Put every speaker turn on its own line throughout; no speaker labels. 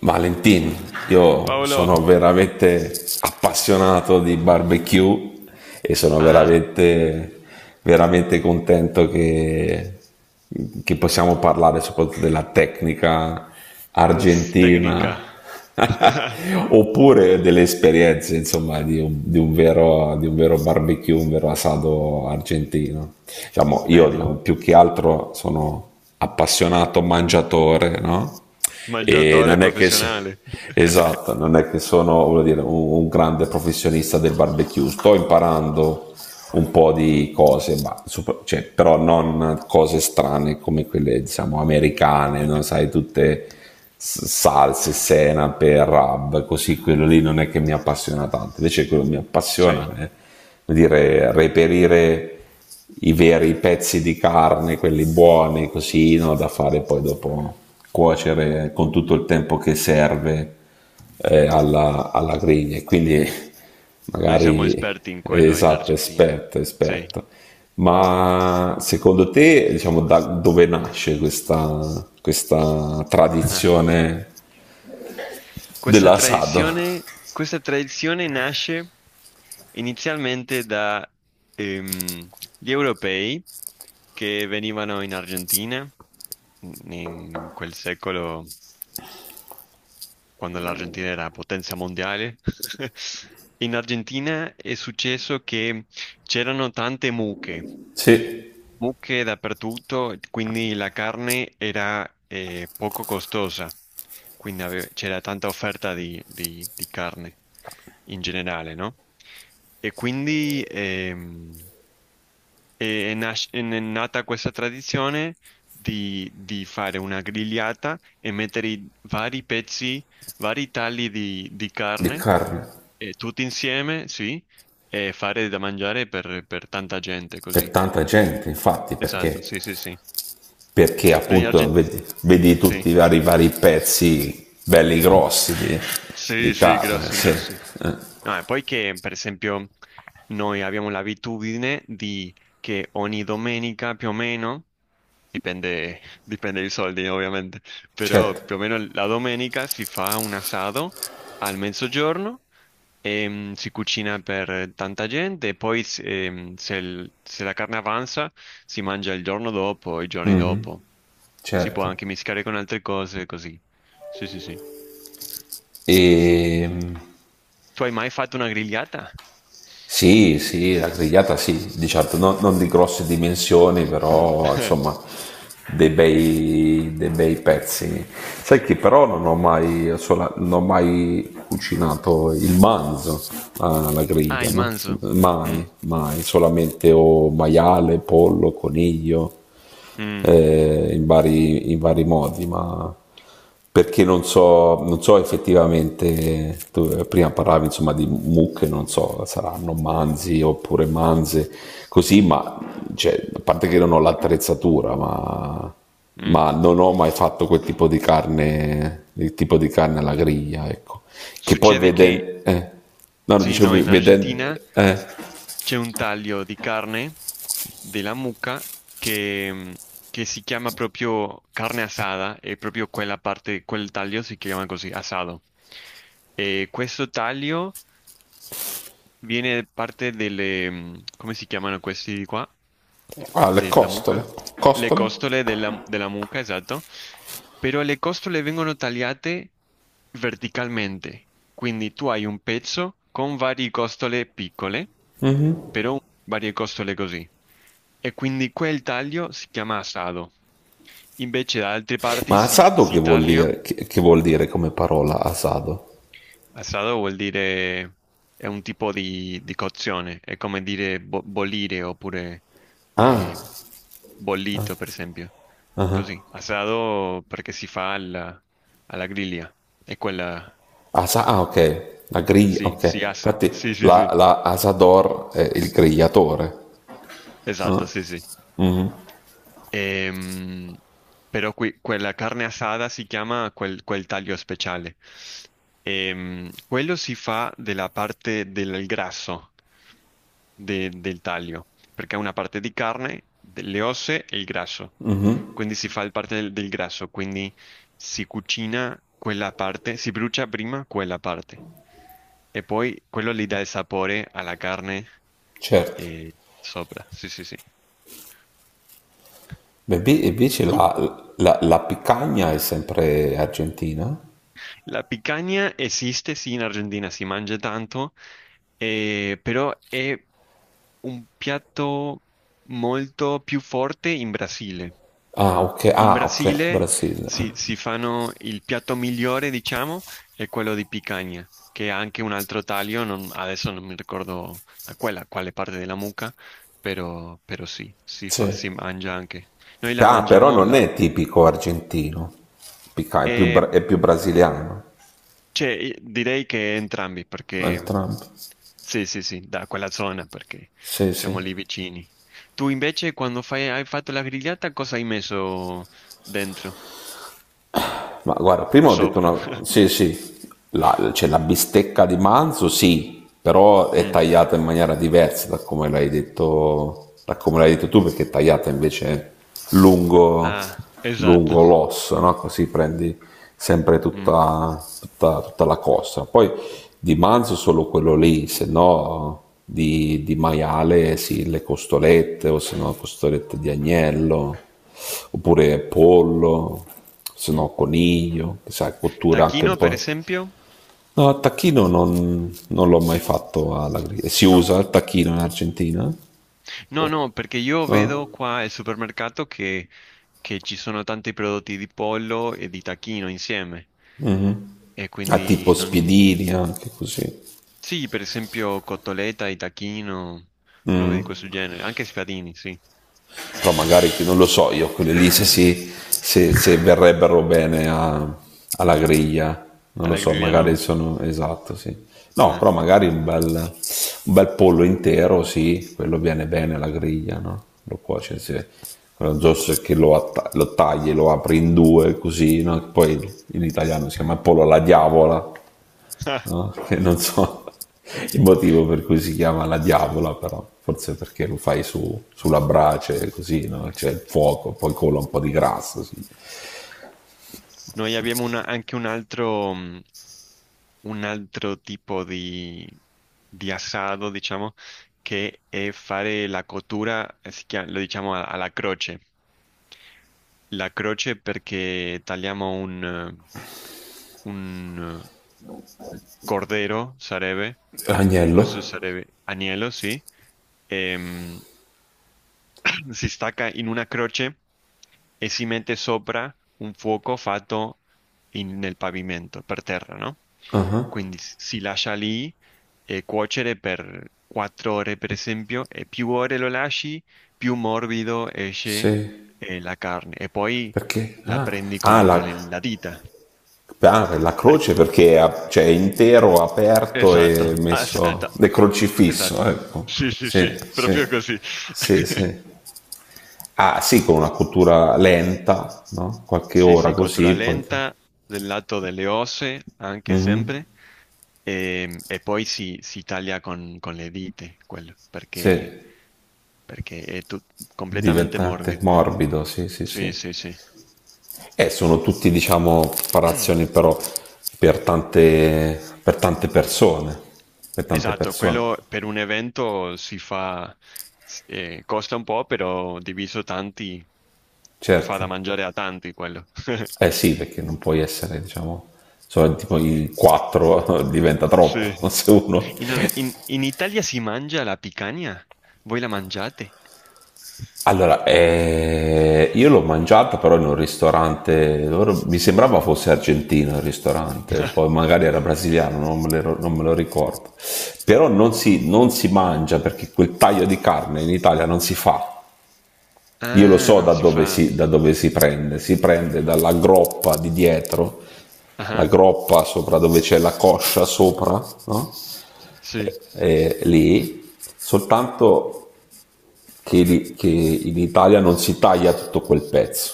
Valentin, io
Paolo,
sono veramente appassionato di barbecue e sono
ah,
veramente, veramente contento che possiamo parlare soprattutto della tecnica
uff, tecnica.
argentina oppure delle esperienze insomma di un vero barbecue, un vero asado argentino. Diciamo, io
Bene,
diciamo, più che altro sono appassionato mangiatore, no? E
mangiatore
non è che...
professionale.
Esatto, non è che sono, voglio dire, un grande professionista del barbecue, sto imparando un po' di cose, ma, super, cioè, però non cose strane come quelle, diciamo, americane, no? Sai, tutte salse, senape, rub, così, quello lì non è che mi appassiona tanto, invece quello che mi appassiona
Sì,
è, dire, reperire i veri pezzi di carne, quelli buoni, così, no, da fare poi dopo cuocere con tutto il tempo che serve alla, alla griglia. E quindi
noi siamo
magari,
esperti in quello in
esatto,
Argentina.
esperto,
Sì.
esperto. Ma secondo te, diciamo, da dove nasce questa tradizione dell'asado?
Questa tradizione nasce inizialmente da gli europei che venivano in Argentina in quel secolo. Quando l'Argentina era potenza mondiale. In Argentina è successo che c'erano tante mucche,
Sì,
mucche dappertutto, quindi la carne era poco costosa, quindi c'era tanta offerta di carne in generale, no? E quindi è nata questa tradizione di fare una grigliata e mettere i vari pezzi, vari tagli di
di
carne,
carne.
tutti insieme, sì, e fare da mangiare per tanta gente
Per
così.
tanta gente, infatti,
Esatto,
perché,
sì, sì, sì.
perché
Noi
appunto
argentini,
vedi, vedi
sì,
tutti i vari pezzi belli grossi di
sì, sì,
carne,
grossi,
sì.
grossi. No, e poi che, per esempio, noi abbiamo l'abitudine di che ogni domenica più o meno. Dipende, dipende i soldi ovviamente, però
Certo.
più o meno la domenica si fa un asado al mezzogiorno, si cucina per tanta gente e poi se la carne avanza si mangia il giorno dopo, i giorni
Mhm,
dopo, si può
certo.
anche mischiare con altre cose così. Sì, sì, sì.
E
Tu hai mai fatto una grigliata?
sì, sì, la grigliata sì, di certo, non, non di grosse dimensioni, però insomma dei bei pezzi. Sai che però non ho mai, non ho mai cucinato il manzo alla
Ah,
griglia,
il
no?
manzo. Mm,
Mai, mai, solamente o maiale, pollo, coniglio,
mm,
in vari modi, ma perché non so, non so effettivamente, tu prima parlavi insomma di mucche, non so, saranno manzi oppure manze, così, ma cioè, a parte che non ho l'attrezzatura,
mm.
ma non ho mai fatto quel tipo di carne, il tipo di carne alla griglia, ecco. Che poi
Succede
vedendo,
che
no, no,
sì,
dicevo
no, in
vedendo,
Argentina
eh,
c'è un taglio di carne della mucca che, mm, che si chiama proprio carne asada e proprio quella parte, quel taglio si chiama così, asado. E questo taglio viene parte delle, mm, come si chiamano questi di qua? Della mucca, le
come?
costole della, della mucca, esatto, però le costole vengono tagliate verticalmente, quindi tu hai un pezzo con varie costole piccole, però varie costole così, e quindi quel taglio si chiama assado. Invece da altre parti
Ma
si,
asado
si taglia.
che vuol dire come parola asado?
Assado vuol dire è un tipo di cozione, è come dire bollire oppure
Ah,
eh, bollito, per esempio. Così, assado perché si fa alla, alla griglia, è quella,
Asa, ah, ok, la griglia,
sì,
ok.
si assa,
Infatti
sì, sì,
la,
sì,
la Asador è il grigliatore. Ah,
esatto, sì, sì. Ehm, però quella carne assata si chiama quel, quel taglio speciale. Quello si fa della parte del grasso del taglio, perché è una parte di carne, delle osse e il grasso. Quindi si fa il parte del, del grasso, quindi si cucina quella parte, si brucia prima quella parte. E poi quello gli dà il sapore alla carne
certo.
sopra. Sì, sì, sì.
Beh, invece
Tu?
la, la, la picagna è sempre argentina?
La picanha esiste, sì, in Argentina si mangia tanto, però è un piatto molto più forte in Brasile.
Ah, ok,
In
ah, ok,
Brasile
Brasile.
si, si fanno il piatto migliore, diciamo, è quello di picanha, che ha anche un altro taglio, adesso non mi ricordo a quella, quale parte della mucca, però, però sì,
Sì.
si mangia anche. Noi la
Ah, però
mangiamo,
non è tipico argentino. È più,
la,
è più brasiliano.
cioè, direi che entrambi, perché
Entrambi.
sì, sì, sì, da quella zona, perché
Sì, sì.
siamo lì vicini. Tu invece, quando fai, hai fatto la grigliata, cosa hai messo dentro
Ma guarda,
o
prima ho detto
sopra?
una... Sì, sì, la, cioè, la bistecca di manzo, sì, però è
Mm.
tagliata in maniera diversa da come l'hai detto, da come l'hai detto tu, perché è tagliata invece lungo,
Ah, esatto.
lungo l'osso, no? Così prendi sempre
Mm,
tutta la costa. Poi di manzo solo quello lì, se no di, di maiale, sì, le costolette, o se no costolette di agnello, oppure pollo, se no
mm.
coniglio, che sai, cottura anche un
Tacchino, per
po'.
esempio?
No, il tacchino non, non l'ho mai fatto alla griglia. Si
No.
usa il tacchino in Argentina?
No,
Boh.
no, perché io
Ah,
vedo qua al supermercato che ci sono tanti prodotti di pollo e di tacchino insieme,
mhm.
e
Ah,
quindi
tipo
non...
spiedini anche così.
Sì, per esempio cotoletta, Itachino, robe di
Mm.
questo genere. Anche spiadini, sì.
Però magari non lo so io, quelle lì se, si, se, se verrebbero bene alla griglia, non lo
Alla
so,
griglia
magari
no.
sono esatto, sì. No,
Eh.
però magari un bel pollo intero, sì, quello viene bene alla griglia, no? Lo cuoci, sì. Quello giusto è che lo, lo tagli, lo apri in due, così, no? Poi in italiano si chiama pollo alla diavola,
Ah,
no? Che non so il motivo per cui si chiama la diavola, però forse perché lo fai su, sulla brace così, no? C'è il fuoco, poi cola un po' di grasso. Sì.
noi abbiamo una- anche un altro tipo di assado, diciamo, che è fare la cottura, lo diciamo alla croce. La croce perché tagliamo un, Cordero, Sareve,
Agnello?
questo sarebbe agnello, sì. Ehm, si stacca in una croce e si mette sopra un fuoco fatto nel pavimento, per terra, no?
Ah,
Quindi si lascia lì cuocere per quattro ore, per esempio, e più ore lo lasci, più morbido esce
sì.
la carne. E poi
Perché?
la prendi con, la dita.
La
Per-
croce perché è cioè, è intero, aperto e
Esatto,
messo...
esatto.
è crocifisso,
Esatto.
ecco.
Sì, sì,
Sì,
sì,
sì,
proprio così.
sì, sì. Ah, sì, con una cottura lenta, no? Qualche
Sì,
ora
sì, cottura
così, poi...
lenta del lato delle osse, anche
Mhm,
sempre. E poi si taglia con le dita, quello, perché,
sì.
perché è completamente
Diventate
morbido.
morbido, sì, sì,
Sì,
sì.
sì, sì.
E sono tutti, diciamo, preparazioni però per tante, per tante persone, per tante
Esatto,
persone,
quello per un evento si fa, costa un po', però diviso tanti, fa
certo.
da mangiare a tanti quello.
Eh sì, perché non puoi essere, diciamo, solo tipo in quattro diventa troppo
Sì.
se uno.
In, in Italia si mangia la picanha? Voi la mangiate?
Allora, io l'ho mangiata però in un ristorante, mi sembrava fosse argentino il ristorante, poi magari era brasiliano, non me lo, non me lo ricordo. Però non si, non si mangia perché quel taglio di carne in Italia non si fa. Io lo
Ah,
so
non si fa.
da dove si prende dalla groppa di dietro, la
Ah,
groppa sopra dove c'è la coscia sopra, no?
sì.
Eh, lì, soltanto che, che in Italia non si taglia tutto quel pezzo,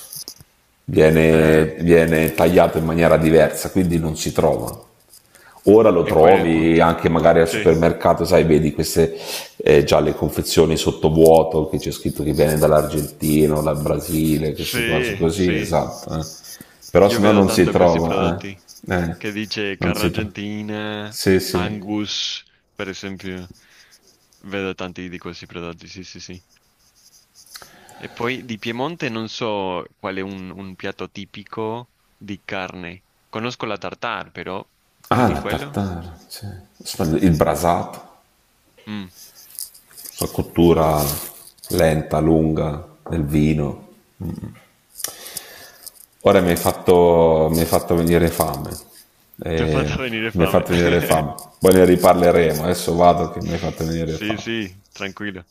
Ah,
viene, viene tagliato in maniera diversa, quindi non si trova. Ora lo
e quello è il
trovi
punto.
anche magari al
Sì,
supermercato, sai, vedi queste, già le confezioni sottovuoto che c'è scritto che viene dall'Argentina, o dal Brasile, queste cose
sì,
così,
sì.
esatto. Eh. Però
Io
se no
vedo
non si
tanto questi
trova,
prodotti
eh. Eh,
che dice
non
carne
si trova.
argentina,
Sì, sì.
Angus, per esempio. Vedo tanti di questi prodotti, sì, sì, sì. E poi di Piemonte non so qual è un piatto tipico di carne. Conosco la tartare, però più
Ah,
di
la
quello?
tartara, sì. Il brasato.
Mm.
La cottura lenta, lunga del vino. Ora mi hai fatto venire fame.
Ti ho fatto
Eh,
venire
mi hai
fame.
fatto venire fame. Poi ne riparleremo. Adesso vado che mi hai fatto venire
Sì,
fame.
sì, tranquillo.